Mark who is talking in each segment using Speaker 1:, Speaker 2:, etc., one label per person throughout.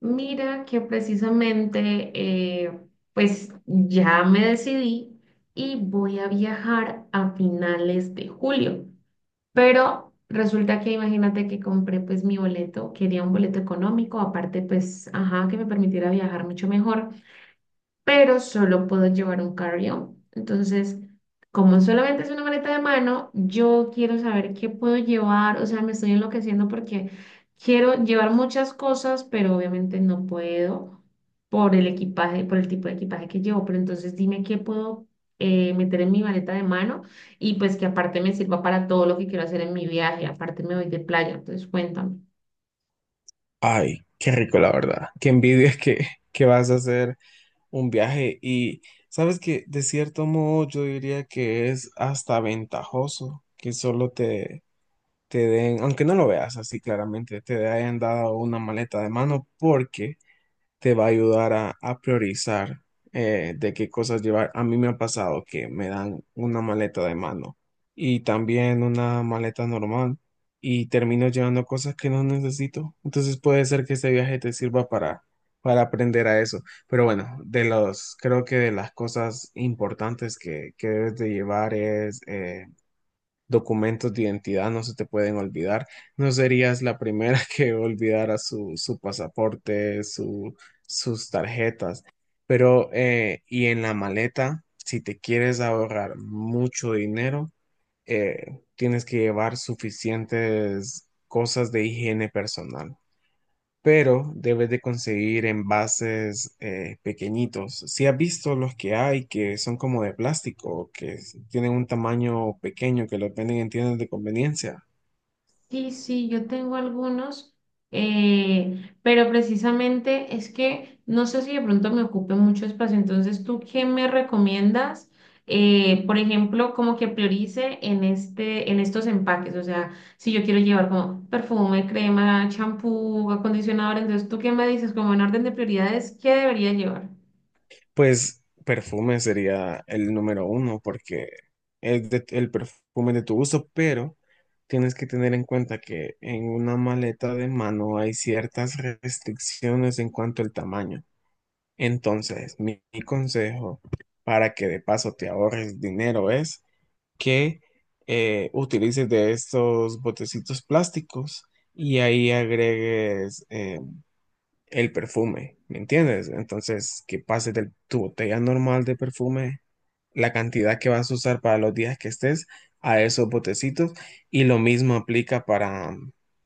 Speaker 1: Mira que precisamente, eh, pues ya me decidí y voy a viajar a finales de julio. Pero resulta que imagínate que compré pues mi boleto, quería un boleto económico, aparte pues, ajá, que me permitiera viajar mucho mejor. Pero solo puedo llevar un carry-on. Entonces, como solamente es una maleta de mano, yo quiero saber qué puedo llevar, o sea, me estoy enloqueciendo porque quiero llevar muchas cosas, pero obviamente no puedo por el equipaje, por el tipo de equipaje que llevo, pero entonces dime qué puedo meter en mi maleta de mano y pues que aparte me sirva para todo lo que quiero hacer en mi viaje. Aparte me voy de playa, entonces cuéntame.
Speaker 2: Ay, qué rico, la verdad. Qué envidia que vas a hacer un viaje. Y sabes que de cierto modo yo diría que es hasta ventajoso que solo te den, aunque no lo veas así claramente, te hayan dado una maleta de mano, porque te va a ayudar a priorizar de qué cosas llevar. A mí me ha pasado que me dan una maleta de mano y también una maleta normal y termino llevando cosas que no necesito. Entonces puede ser que este viaje te sirva para aprender a eso. Pero bueno, de los, creo que de las cosas importantes que debes de llevar es... documentos de identidad no se te pueden olvidar. No serías la primera que olvidara su pasaporte, su, sus tarjetas. Pero, y en la maleta, si te quieres ahorrar mucho dinero, tienes que llevar suficientes cosas de higiene personal, pero debes de conseguir envases pequeñitos. Si has visto los que hay que son como de plástico, tienen un tamaño pequeño, que los venden en tiendas de conveniencia,
Speaker 1: Sí, sí, yo tengo algunos, pero precisamente es que no sé si de pronto me ocupe mucho espacio. Entonces, ¿tú qué me recomiendas? Por ejemplo, como que priorice en en estos empaques. O sea, si yo quiero llevar como perfume, crema, champú, acondicionador, entonces, ¿tú qué me dices? Como en orden de prioridades, ¿qué debería llevar?
Speaker 2: pues perfume sería el número uno porque el perfume de tu gusto, pero tienes que tener en cuenta que en una maleta de mano hay ciertas restricciones en cuanto al tamaño. Entonces, mi consejo para que de paso te ahorres dinero es que utilices de estos botecitos plásticos y ahí agregues el perfume, ¿me entiendes? Entonces, que pases de tu botella normal de perfume la cantidad que vas a usar para los días que estés a esos botecitos, y lo mismo aplica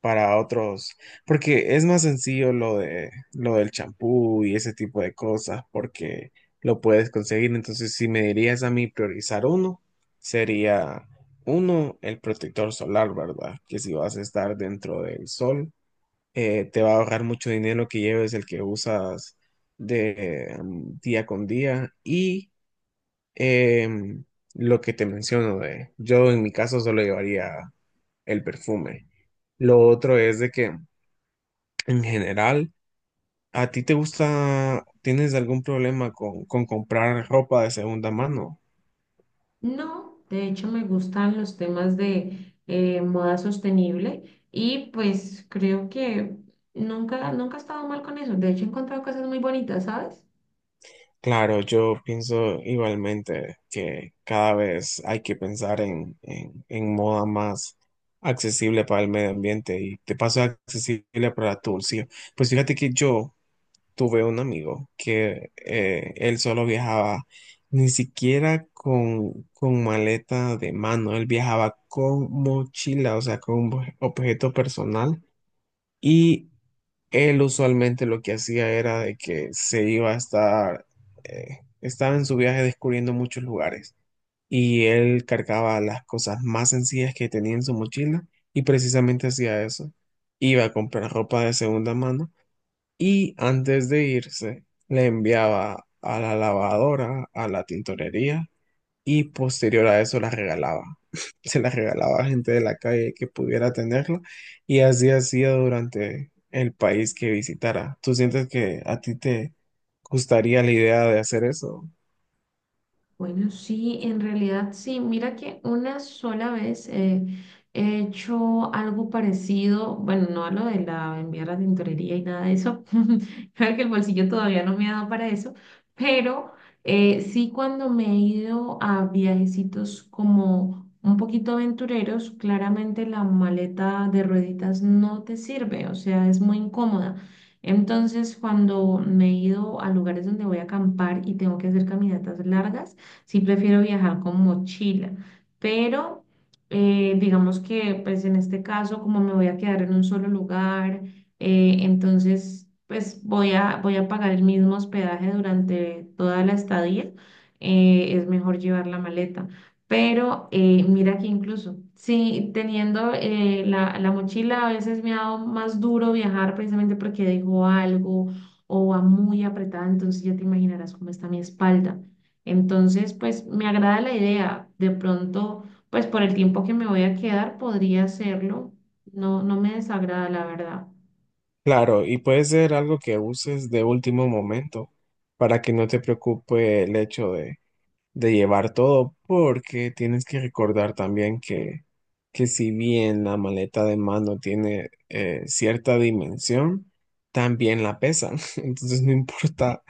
Speaker 2: para otros, porque es más sencillo lo del champú y ese tipo de cosas porque lo puedes conseguir. Entonces, si me dirías a mí priorizar uno, sería uno, el protector solar, ¿verdad? Que si vas a estar dentro del sol, te va a ahorrar mucho dinero que lleves el que usas de día con día. Em, lo que te menciono de, yo en mi caso solo llevaría el perfume. Lo otro es de que, en general, ¿a ti te gusta, tienes algún problema con comprar ropa de segunda mano?
Speaker 1: No, de hecho me gustan los temas de moda sostenible y pues creo que nunca, nunca he estado mal con eso. De hecho he encontrado cosas muy bonitas, ¿sabes?
Speaker 2: Claro, yo pienso igualmente que cada vez hay que pensar en moda más accesible para el medio ambiente y te paso accesible para tu bolsillo. Pues fíjate que yo tuve un amigo que él solo viajaba ni siquiera con maleta de mano, él viajaba con mochila, o sea, con un objeto personal, y él usualmente lo que hacía era de que se iba a estar, estaba en su viaje descubriendo muchos lugares, y él cargaba las cosas más sencillas que tenía en su mochila y precisamente hacía eso. Iba a comprar ropa de segunda mano y antes de irse le enviaba a la lavadora, a la tintorería, y posterior a eso la regalaba. Se la regalaba a gente de la calle que pudiera tenerla, y así hacía durante el país que visitara. ¿Tú sientes que a ti te gustaría la idea de hacer eso?
Speaker 1: Bueno, sí, en realidad sí. Mira que una sola vez he hecho algo parecido. Bueno, no a lo de la enviar a la tintorería y nada de eso, creo que el bolsillo todavía no me ha dado para eso, pero sí, cuando me he ido a viajecitos como un poquito aventureros, claramente la maleta de rueditas no te sirve, o sea, es muy incómoda. Entonces, cuando me he ido a lugares donde voy a acampar y tengo que hacer caminatas largas, sí prefiero viajar con mochila, pero digamos que pues en este caso como me voy a quedar en un solo lugar, entonces pues voy a pagar el mismo hospedaje durante toda la estadía. Es mejor llevar la maleta. Pero mira que incluso, sí, teniendo la mochila a veces me ha dado más duro viajar precisamente porque dejo algo o va muy apretada, entonces ya te imaginarás cómo está mi espalda. Entonces, pues me agrada la idea. De pronto, pues por el tiempo que me voy a quedar, podría hacerlo. No, no me desagrada, la verdad.
Speaker 2: Claro, y puede ser algo que uses de último momento para que no te preocupe el hecho de llevar todo, porque tienes que recordar también que si bien la maleta de mano tiene cierta dimensión, también la pesan. Entonces no importa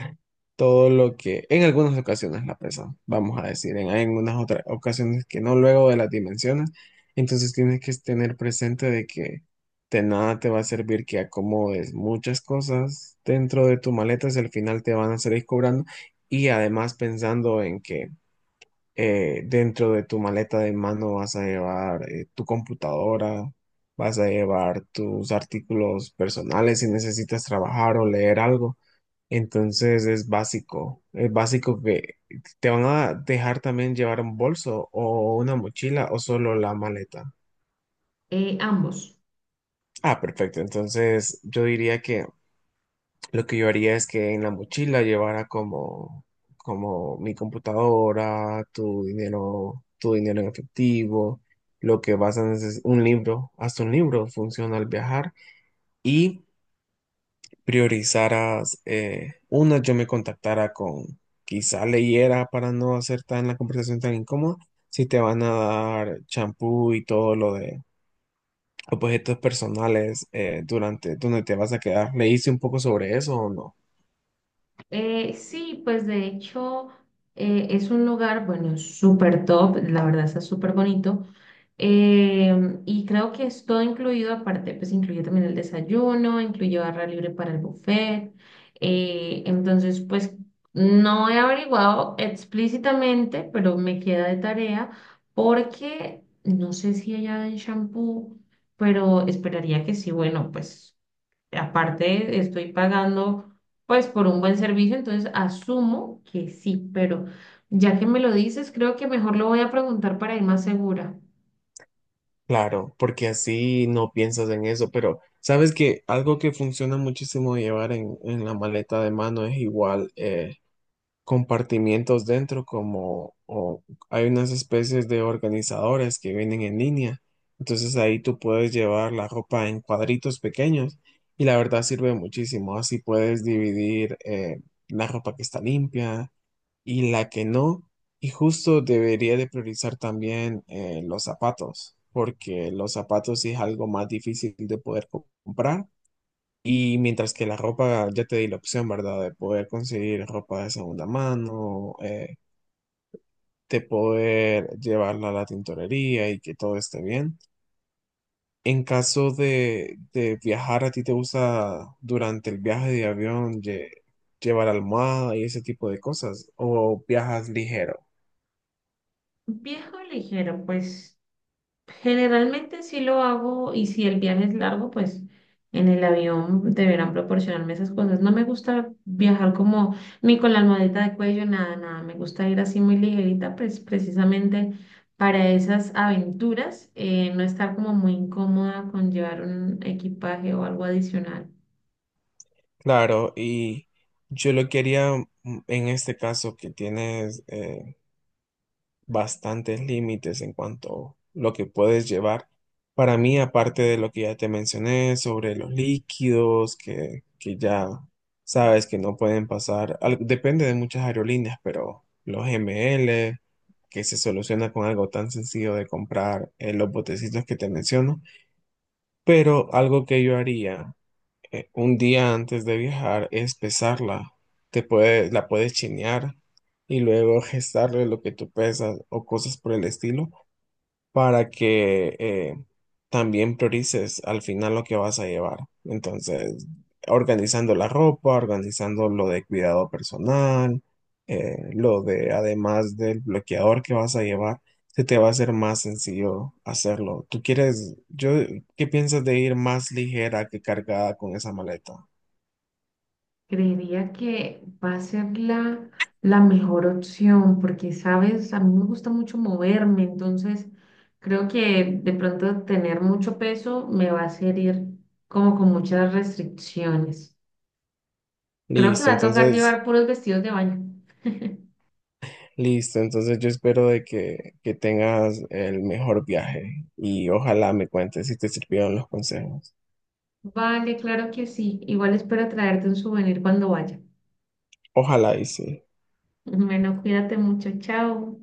Speaker 2: todo lo que en algunas ocasiones la pesan, vamos a decir, en algunas otras ocasiones que no luego de las dimensiones. Entonces tienes que tener presente de que de nada te va a servir que acomodes muchas cosas dentro de tu maleta si al final te van a salir cobrando, y además pensando en que dentro de tu maleta de mano vas a llevar tu computadora, vas a llevar tus artículos personales si necesitas trabajar o leer algo. Entonces es básico que te van a dejar también llevar un bolso o una mochila o solo la maleta.
Speaker 1: Ambos.
Speaker 2: Ah, perfecto. Entonces yo diría que lo que yo haría es que en la mochila llevara como, como mi computadora, tu dinero en efectivo, lo que vas a necesitar, un libro, hasta un libro funciona al viajar, y priorizaras, una, yo me contactara con, quizá leyera para no hacer tan la conversación tan incómoda, si te van a dar champú y todo lo de objetos personales durante donde te vas a quedar. ¿Leíste un poco sobre eso o no?
Speaker 1: Sí, pues de hecho es un lugar, bueno, súper top, la verdad está súper bonito. Em, y creo que es todo incluido. Aparte, pues incluye también el desayuno, incluye barra libre para el buffet. Entonces, pues no he averiguado explícitamente, pero me queda de tarea porque no sé si allá en shampoo, pero esperaría que sí, bueno, pues. Aparte, estoy pagando pues por un buen servicio, entonces asumo que sí, pero ya que me lo dices, creo que mejor lo voy a preguntar para ir más segura.
Speaker 2: Claro, porque así no piensas en eso, pero sabes que algo que funciona muchísimo llevar en la maleta de mano es igual, compartimientos dentro, como o hay unas especies de organizadores que vienen en línea. Entonces ahí tú puedes llevar la ropa en cuadritos pequeños y la verdad sirve muchísimo, así puedes dividir la ropa que está limpia y la que no. Y justo debería de priorizar también los zapatos, porque los zapatos sí es algo más difícil de poder comprar. Y mientras que la ropa, ya te di la opción, ¿verdad? De poder conseguir ropa de segunda mano, de poder llevarla a la tintorería y que todo esté bien. En caso de viajar, ¿a ti te gusta durante el viaje de avión llevar almohada y ese tipo de cosas? ¿O viajas ligero?
Speaker 1: Viejo ligero, pues. Generalmente sí lo hago, y si el viaje es largo, pues en el avión deberán proporcionarme esas cosas. No me gusta viajar como ni con la almohadita de cuello, nada, nada. Me gusta ir así muy ligerita, pues precisamente para esas aventuras. No estar como muy incómoda con llevar un equipaje o algo adicional.
Speaker 2: Claro, y yo lo quería en este caso que tienes bastantes límites en cuanto a lo que puedes llevar. Para mí, aparte de lo que ya te mencioné sobre los líquidos, que ya sabes que no pueden pasar, depende de muchas aerolíneas, pero los ML, que se soluciona con algo tan sencillo de comprar, los botecitos que te menciono, pero algo que yo haría un día antes de viajar es pesarla. Te puede, la puedes chinear y luego gestarle lo que tú pesas o cosas por el estilo para que también priorices al final lo que vas a llevar. Entonces, organizando la ropa, organizando lo de cuidado personal, lo de además del bloqueador que vas a llevar, se te va a hacer más sencillo hacerlo. ¿Tú quieres, yo, qué piensas de ir más ligera que cargada con esa maleta?
Speaker 1: Creería que va a ser la mejor opción porque, sabes, a mí me gusta mucho moverme, entonces creo que de pronto tener mucho peso me va a hacer ir como con muchas restricciones. Creo que
Speaker 2: Listo,
Speaker 1: va a tocar
Speaker 2: entonces,
Speaker 1: llevar puros vestidos de baño.
Speaker 2: listo, entonces yo espero de que tengas el mejor viaje y ojalá me cuentes si te sirvieron los consejos.
Speaker 1: Vale, claro que sí. Igual espero traerte un souvenir cuando vaya.
Speaker 2: Ojalá y sí.
Speaker 1: Bueno, cuídate mucho. Chao.